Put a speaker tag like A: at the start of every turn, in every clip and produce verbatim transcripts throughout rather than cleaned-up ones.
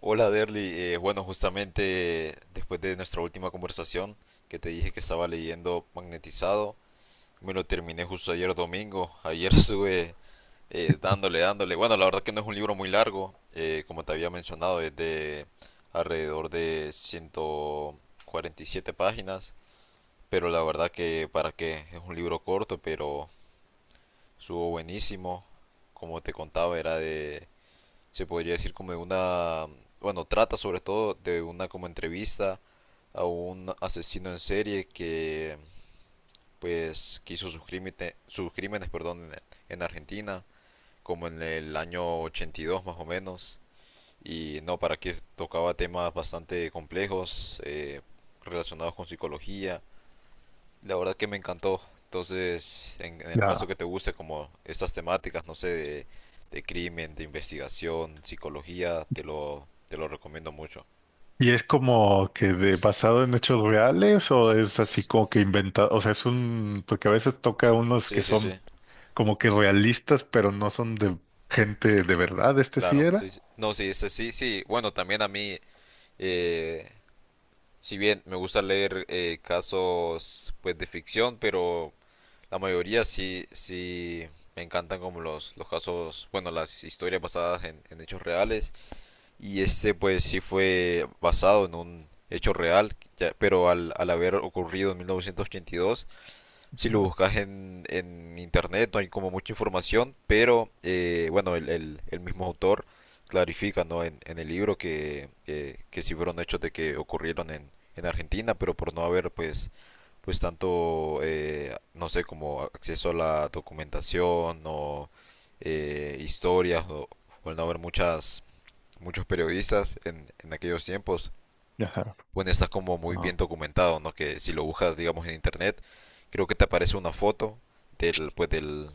A: Hola Derly, Eh, bueno, justamente después de nuestra última conversación que te dije que estaba leyendo Magnetizado, me lo terminé justo ayer domingo, ayer estuve eh, dándole, dándole, bueno, la verdad que no es un libro muy largo, eh, como te había mencionado, es de alrededor de ciento cuarenta y siete páginas, pero la verdad que para qué, es un libro corto, pero estuvo buenísimo. Como te contaba, era de, se podría decir como de una, bueno, trata sobre todo de una como entrevista a un asesino en serie que pues que hizo sus crímenes, sus crímenes, perdón, en, en Argentina, como en el año ochenta y dos más o menos. Y no, para que tocaba temas bastante complejos, eh, relacionados con psicología. La verdad que me encantó. Entonces, en, en el caso
B: Ya.
A: que te guste como estas temáticas, no sé, de, de crimen, de investigación, psicología, te lo, te lo recomiendo mucho.
B: ¿Y es como que de, basado en hechos reales o es así
A: S-
B: como que inventado? O sea, es un, porque a veces toca unos
A: Sí,
B: que
A: sí,
B: son
A: sí,
B: como que realistas, pero no son de gente de verdad, este sí
A: claro. Sí,
B: era.
A: sí. No, sí, sí, sí, sí. Bueno, también a mí, eh, si bien me gusta leer, eh, casos pues de ficción, pero la mayoría sí, sí me encantan como los, los casos, bueno, las historias basadas en, en hechos reales. Y este pues sí fue basado en un hecho real, ya- pero al, al haber ocurrido en mil novecientos ochenta y dos, si lo buscas en, en internet no hay como mucha información, pero eh, bueno, el, el- el mismo autor clarifica, ¿no?, en, en el libro que, que, que sí fueron hechos de que ocurrieron en, en Argentina, pero por no haber pues, pues tanto, eh, no sé, como acceso a la documentación o, eh, historias o, o el no haber muchas muchos periodistas en, en aquellos tiempos,
B: Ajá.
A: bueno, está como muy
B: Ah,
A: bien documentado, ¿no? Que si lo buscas, digamos, en internet, creo que te aparece una foto del, pues, del,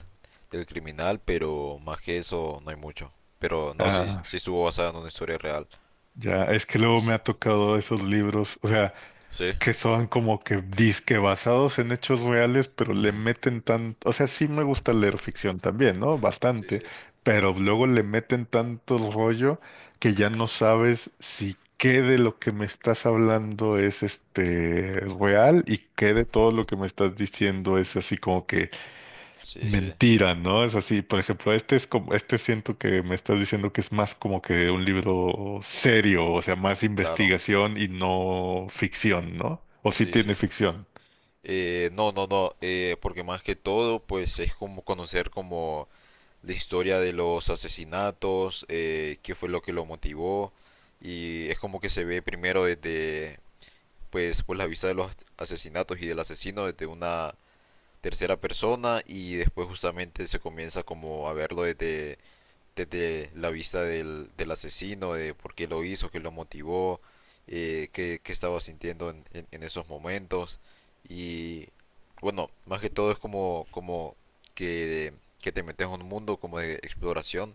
A: del criminal, pero más que eso no hay mucho. Pero no, sí,
B: ah,
A: sí
B: sí.
A: estuvo basada en una historia real.
B: Ya, es que luego me ha tocado esos libros, o sea.
A: Sí.
B: Que son como que disque basados en hechos reales, pero le
A: Ujú.
B: meten tanto, o sea, sí me gusta leer ficción también, ¿no?
A: Sí,
B: Bastante,
A: sí.
B: pero luego le meten tanto rollo que ya no sabes si qué de lo que me estás hablando es este real y qué de todo lo que me estás diciendo es así como que
A: Sí, sí,
B: mentira, ¿no? Es así, por ejemplo, este es como, este siento que me estás diciendo que es más como que un libro serio, o sea, más
A: claro.
B: investigación y no ficción, ¿no? O sí
A: Sí, sí.
B: tiene ficción.
A: Eh, no, no, no, eh, porque más que todo, pues es como conocer como la historia de los asesinatos, eh, qué fue lo que lo motivó, y es como que se ve primero desde, pues pues la vista de los asesinatos y del asesino desde una tercera persona, y después justamente se comienza como a verlo desde desde la vista del, del asesino, de por qué lo hizo, qué lo motivó, eh, qué, qué estaba sintiendo en, en, en esos momentos. Y bueno, más que todo es como, como que, que te metes en un mundo como de exploración,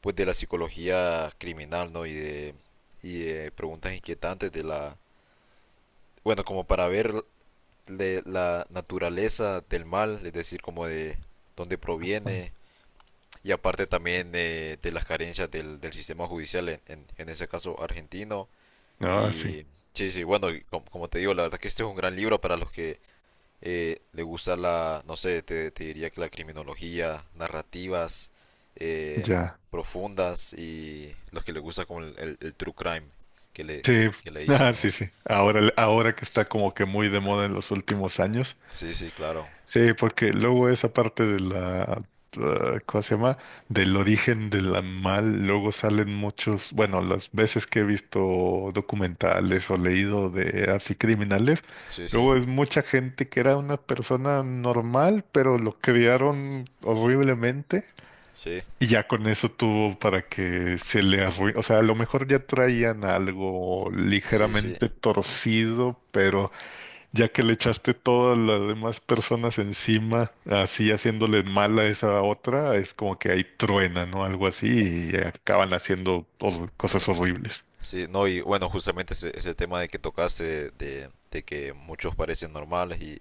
A: pues de la psicología criminal, ¿no? Y de, y de preguntas inquietantes de la... Bueno, como para ver de la naturaleza del mal, es decir, como de dónde proviene, y aparte también, eh, de las carencias del, del sistema judicial en, en, en ese caso argentino.
B: Ah, sí,
A: Y sí, sí, bueno, y com- como, te digo, la verdad que este es un gran libro para los que, eh, le gusta la, no sé, te, te diría que la criminología, narrativas, eh,
B: ya.
A: profundas y los que les gusta como el, el- el true crime que le,
B: Sí,
A: que le dicen
B: ah, sí,
A: los.
B: sí. Ahora, ahora que está como que muy de moda en los últimos años.
A: Sí, sí, claro.
B: Sí, porque luego esa parte de la, uh, ¿cómo se llama? Del origen del animal, luego salen muchos, bueno, las veces que he visto documentales o leído de así criminales,
A: Sí, sí,
B: luego es mucha gente que era una persona normal, pero lo criaron horriblemente
A: sí,
B: y ya con eso tuvo para que se le arruine, o sea, a lo mejor ya traían algo
A: sí, sí.
B: ligeramente torcido, pero... Ya que le echaste todas las demás personas encima, así haciéndole mal a esa otra, es como que ahí truena, ¿no? Algo así y acaban haciendo hor- cosas horribles.
A: Sí, no, y bueno, justamente ese, ese tema de que tocaste, de, de que muchos parecen normales y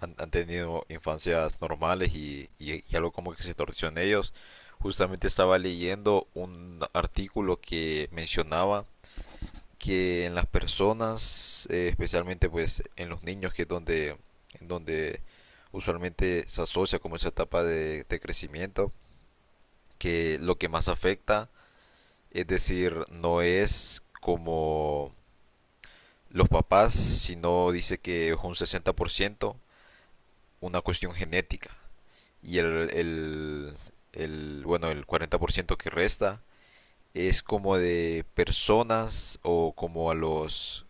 A: han, han tenido infancias normales y, y, y algo como que se torció en ellos. Justamente estaba leyendo un artículo que mencionaba que en las personas, eh, especialmente pues en los niños, que es donde, en donde usualmente se asocia como esa etapa de, de crecimiento, que lo que más afecta, es decir, no es como los papás, sino dice que es un sesenta por ciento, una cuestión genética. Y el, el, el, bueno, el cuarenta por ciento que resta es como de personas o como a los...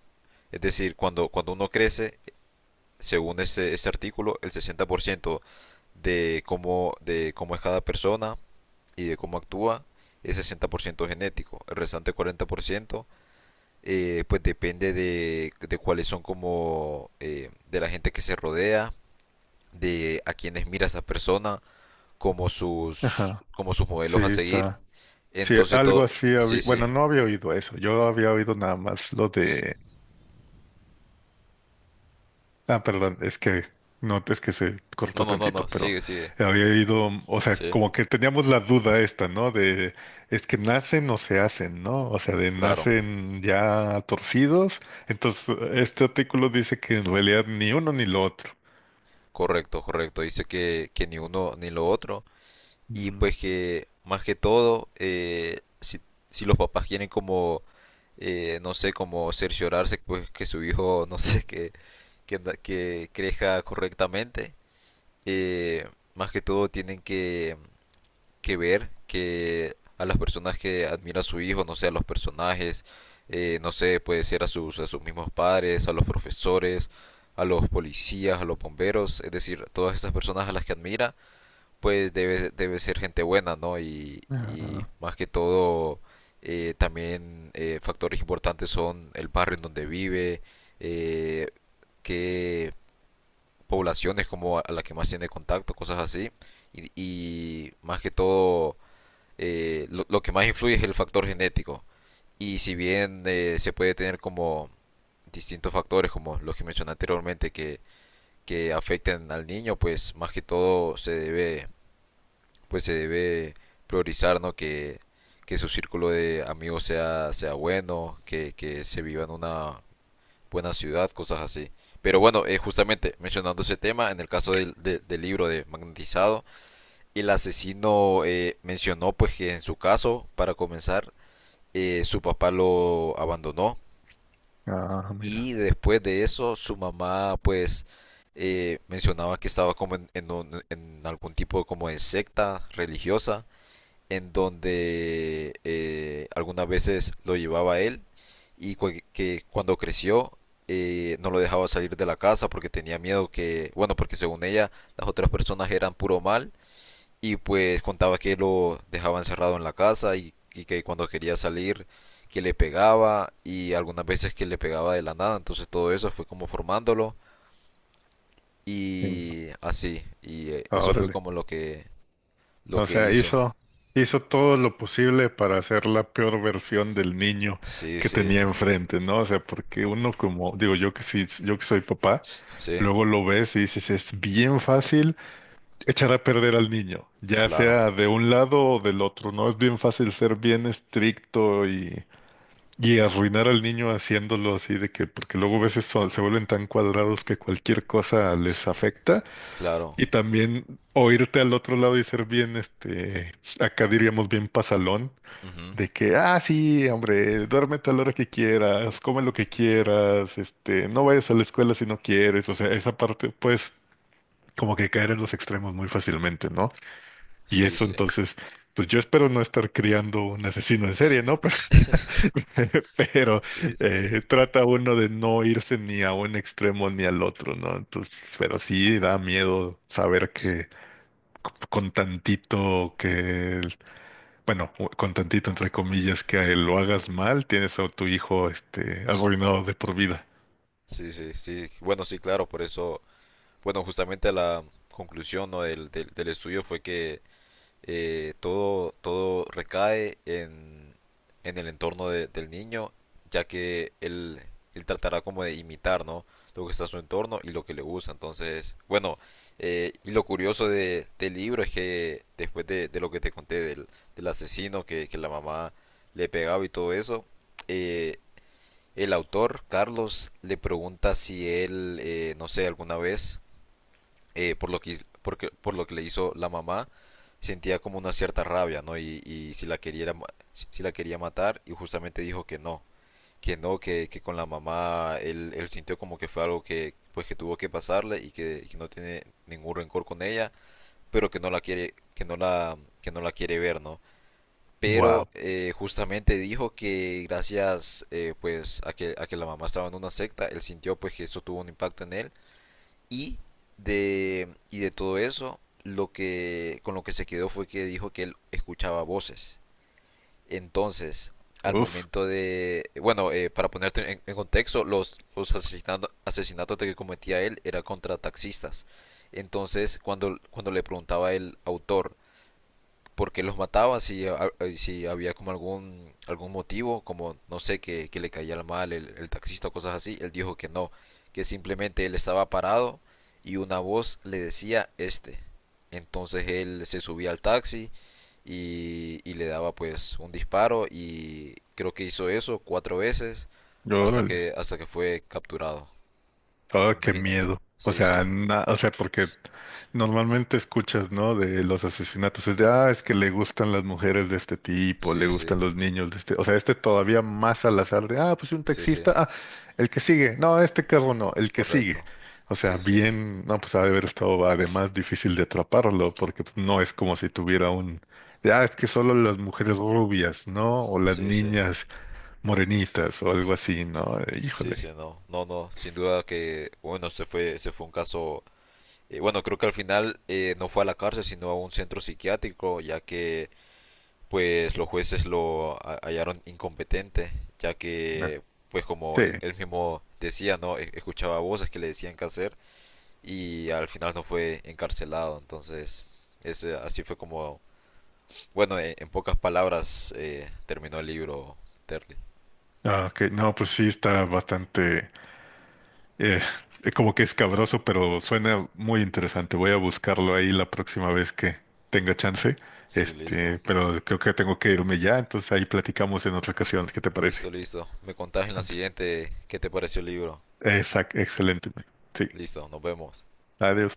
A: Es decir, cuando, cuando uno crece, según ese, ese artículo, el sesenta por ciento de cómo, de cómo es cada persona y de cómo actúa es sesenta por ciento genético. El restante cuarenta por ciento, eh, pues depende de, de cuáles son como, eh, de la gente que se rodea, de a quienes mira esa persona, como sus,
B: Ajá,
A: como sus
B: sí,
A: modelos a seguir.
B: está. Sí,
A: Entonces todo,
B: algo así
A: sí,
B: había,
A: sí.
B: bueno, no había oído eso, yo había oído nada más lo de... Ah, perdón, es que no, es que se
A: No,
B: cortó
A: no, no,
B: tantito,
A: no,
B: pero
A: sigue, sigue.
B: había ido, o sea,
A: Sí,
B: como que teníamos la duda esta, ¿no? De, es que nacen o se hacen, ¿no? O sea, de
A: claro.
B: nacen ya torcidos. Entonces, este artículo dice que en realidad ni uno ni lo otro.
A: Correcto, correcto. Dice que, que ni uno ni lo otro. Y
B: Mm.
A: pues que más que todo, eh, si, si los papás quieren como, eh, no sé, como cerciorarse, pues que su hijo, no sé, que, que, que crezca correctamente, eh, más que todo tienen que, que ver que a las personas que admira a su hijo, no sé, a los personajes, eh, no sé, puede ser a sus, a sus mismos padres, a los profesores, a los policías, a los bomberos, es decir, todas esas personas a las que admira, pues debe, debe ser gente buena, ¿no? Y, y
B: Ah,
A: más que todo, eh, también, eh, factores importantes son el barrio en donde vive, eh, qué, poblaciones como a la que más tiene contacto, cosas así. Y, y más que todo, eh, lo, lo que más influye es el factor genético. Y si bien, eh, se puede tener como distintos factores, como los que mencioné anteriormente, que, que afecten al niño, pues más que todo se debe, pues se debe priorizar, ¿no? Que, que su círculo de amigos sea, sea bueno, que, que se viva en una buena ciudad, cosas así. Pero bueno, eh, justamente mencionando ese tema, en el caso del, de- del libro de Magnetizado, el asesino, eh, mencionó pues que en su caso, para comenzar, eh, su papá lo abandonó,
B: ah, mira.
A: y después de eso su mamá pues, eh, mencionaba que estaba como en, en un- en algún tipo como de secta religiosa en donde, eh, algunas veces lo llevaba él, y cu- que cuando creció, eh, no lo dejaba salir de la casa porque tenía miedo que, bueno, porque según ella las otras personas eran puro mal, y pues contaba que lo dejaba encerrado en la casa y, y que cuando quería salir que le pegaba y algunas veces que le pegaba de la nada. Entonces todo eso fue como formándolo
B: Sí.
A: y así, y, eh,
B: Ah,
A: eso fue
B: órale.
A: como lo que lo
B: O
A: que
B: sea,
A: hizo.
B: hizo, hizo todo lo posible para hacer la peor versión del niño
A: Sí,
B: que
A: sí,
B: tenía enfrente, ¿no? O sea, porque uno como, digo, yo que sí, yo que soy papá,
A: sí,
B: luego lo ves y dices, es bien fácil echar a perder al niño, ya
A: claro.
B: sea de un lado o del otro, ¿no? Es bien fácil ser bien estricto y, y arruinar al niño haciéndolo así de que, porque luego a veces son- se vuelven tan cuadrados que cualquier cosa les afecta.
A: Claro.
B: Y también oírte al otro lado y ser bien, este, acá diríamos bien pasalón,
A: Ujú.
B: de que, ah, sí, hombre, duérmete a la hora que quieras, come lo que quieras, este, no vayas a la escuela si no quieres, o sea, esa parte, pues, como que caer en los extremos muy fácilmente, ¿no? Y
A: Sí,
B: eso
A: sí.
B: entonces, pues yo espero no estar criando un asesino en serie, ¿no? Pero
A: Sí, sí.
B: eh, trata uno de no irse ni a un extremo ni al otro, ¿no? Entonces, pero sí da miedo saber que con tantito que, el- bueno, con tantito entre comillas que a él lo hagas mal, tienes a tu hijo este arruinado de por vida.
A: Sí, sí, sí. Bueno, sí, claro, por eso, bueno, justamente la conclusión, ¿no?, del, del, del estudio fue que, eh, todo, todo recae en, en el entorno de- del niño, ya que él, él tratará como de imitar, ¿no? Lo que está a su entorno y lo que le gusta. Entonces, bueno, eh, y lo curioso de, del libro es que después de, de lo que te conté del, del asesino que, que la mamá le pegaba y todo eso, eh, el autor, Carlos, le pregunta si él, eh, no sé, alguna vez, eh, por lo que, porque, por lo que le hizo la mamá, sentía como una cierta rabia, ¿no? Y, y si la quería, si si la quería matar. Y justamente dijo que no, que no, que, que con la mamá él, él sintió como que fue algo que, pues, que tuvo que pasarle y que, y que no tiene ningún rencor con ella, pero que no la quiere, que no la, que no la quiere ver, ¿no? Pero,
B: Wow.
A: eh, justamente dijo que gracias, eh, pues a que, a que la mamá estaba en una secta, él sintió pues que eso tuvo un impacto en él, y de, y de todo eso, lo que, con lo que se quedó fue que dijo que él escuchaba voces. Entonces, al
B: Uf,
A: momento de, bueno, eh, para ponerte en, en contexto, los, los asesinato- asesinatos que cometía él era contra taxistas. Entonces, cuando, cuando le preguntaba el autor porque los mataba si, a- si había como algún, algún motivo, como no sé, que, que le caía mal el, el taxista o cosas así. Él dijo que no, que simplemente él estaba parado y una voz le decía este. Entonces él se subía al taxi y, y le daba pues un disparo y creo que hizo eso cuatro veces hasta
B: órale.
A: que, hasta que fue capturado.
B: Oh, qué
A: Imagínate.
B: miedo. O
A: Sí, sí,
B: sea, na- o sea, porque normalmente escuchas, ¿no? De los asesinatos. Es de, ah, es que le gustan las mujeres de este tipo, le
A: sí, sí,
B: gustan los niños de este. O sea, este todavía más al azar de, ah, pues un
A: sí, sí,
B: taxista, ah, el que sigue. No, este carro no, el que sigue.
A: correcto.
B: O sea,
A: Sí, sí,
B: bien, no, pues ha de haber estado además difícil de atraparlo, porque pues, no es como si tuviera un, de, ah, es que solo las mujeres rubias, ¿no? O las
A: sí, sí.
B: niñas morenitas o algo así, ¿no?
A: Sí,
B: Híjole.
A: sí, no, no, no, sin duda que, bueno, se fue, se fue un caso, eh, bueno, creo que al final, eh, no fue a la cárcel, sino a un centro psiquiátrico, ya que, pues, los jueces lo ha- hallaron incompetente, ya
B: No.
A: que, pues, como
B: Sí.
A: él, él mismo decía, ¿no? E- Escuchaba voces que le decían qué hacer y al final no fue encarcelado. Entonces, ese, así fue como, bueno, en, en pocas palabras, eh, terminó el libro, Terry.
B: Ah, ok. No, pues sí, está bastante, eh, eh, como que escabroso, pero suena muy interesante. Voy a buscarlo ahí la próxima vez que tenga chance.
A: Sí, listo.
B: Este, pero creo que tengo que irme ya, entonces ahí platicamos en otra ocasión. ¿Qué te parece?
A: Listo, listo. Me contás en la siguiente qué te pareció el libro.
B: Exacto, excelente. Sí.
A: Listo, nos vemos.
B: Adiós.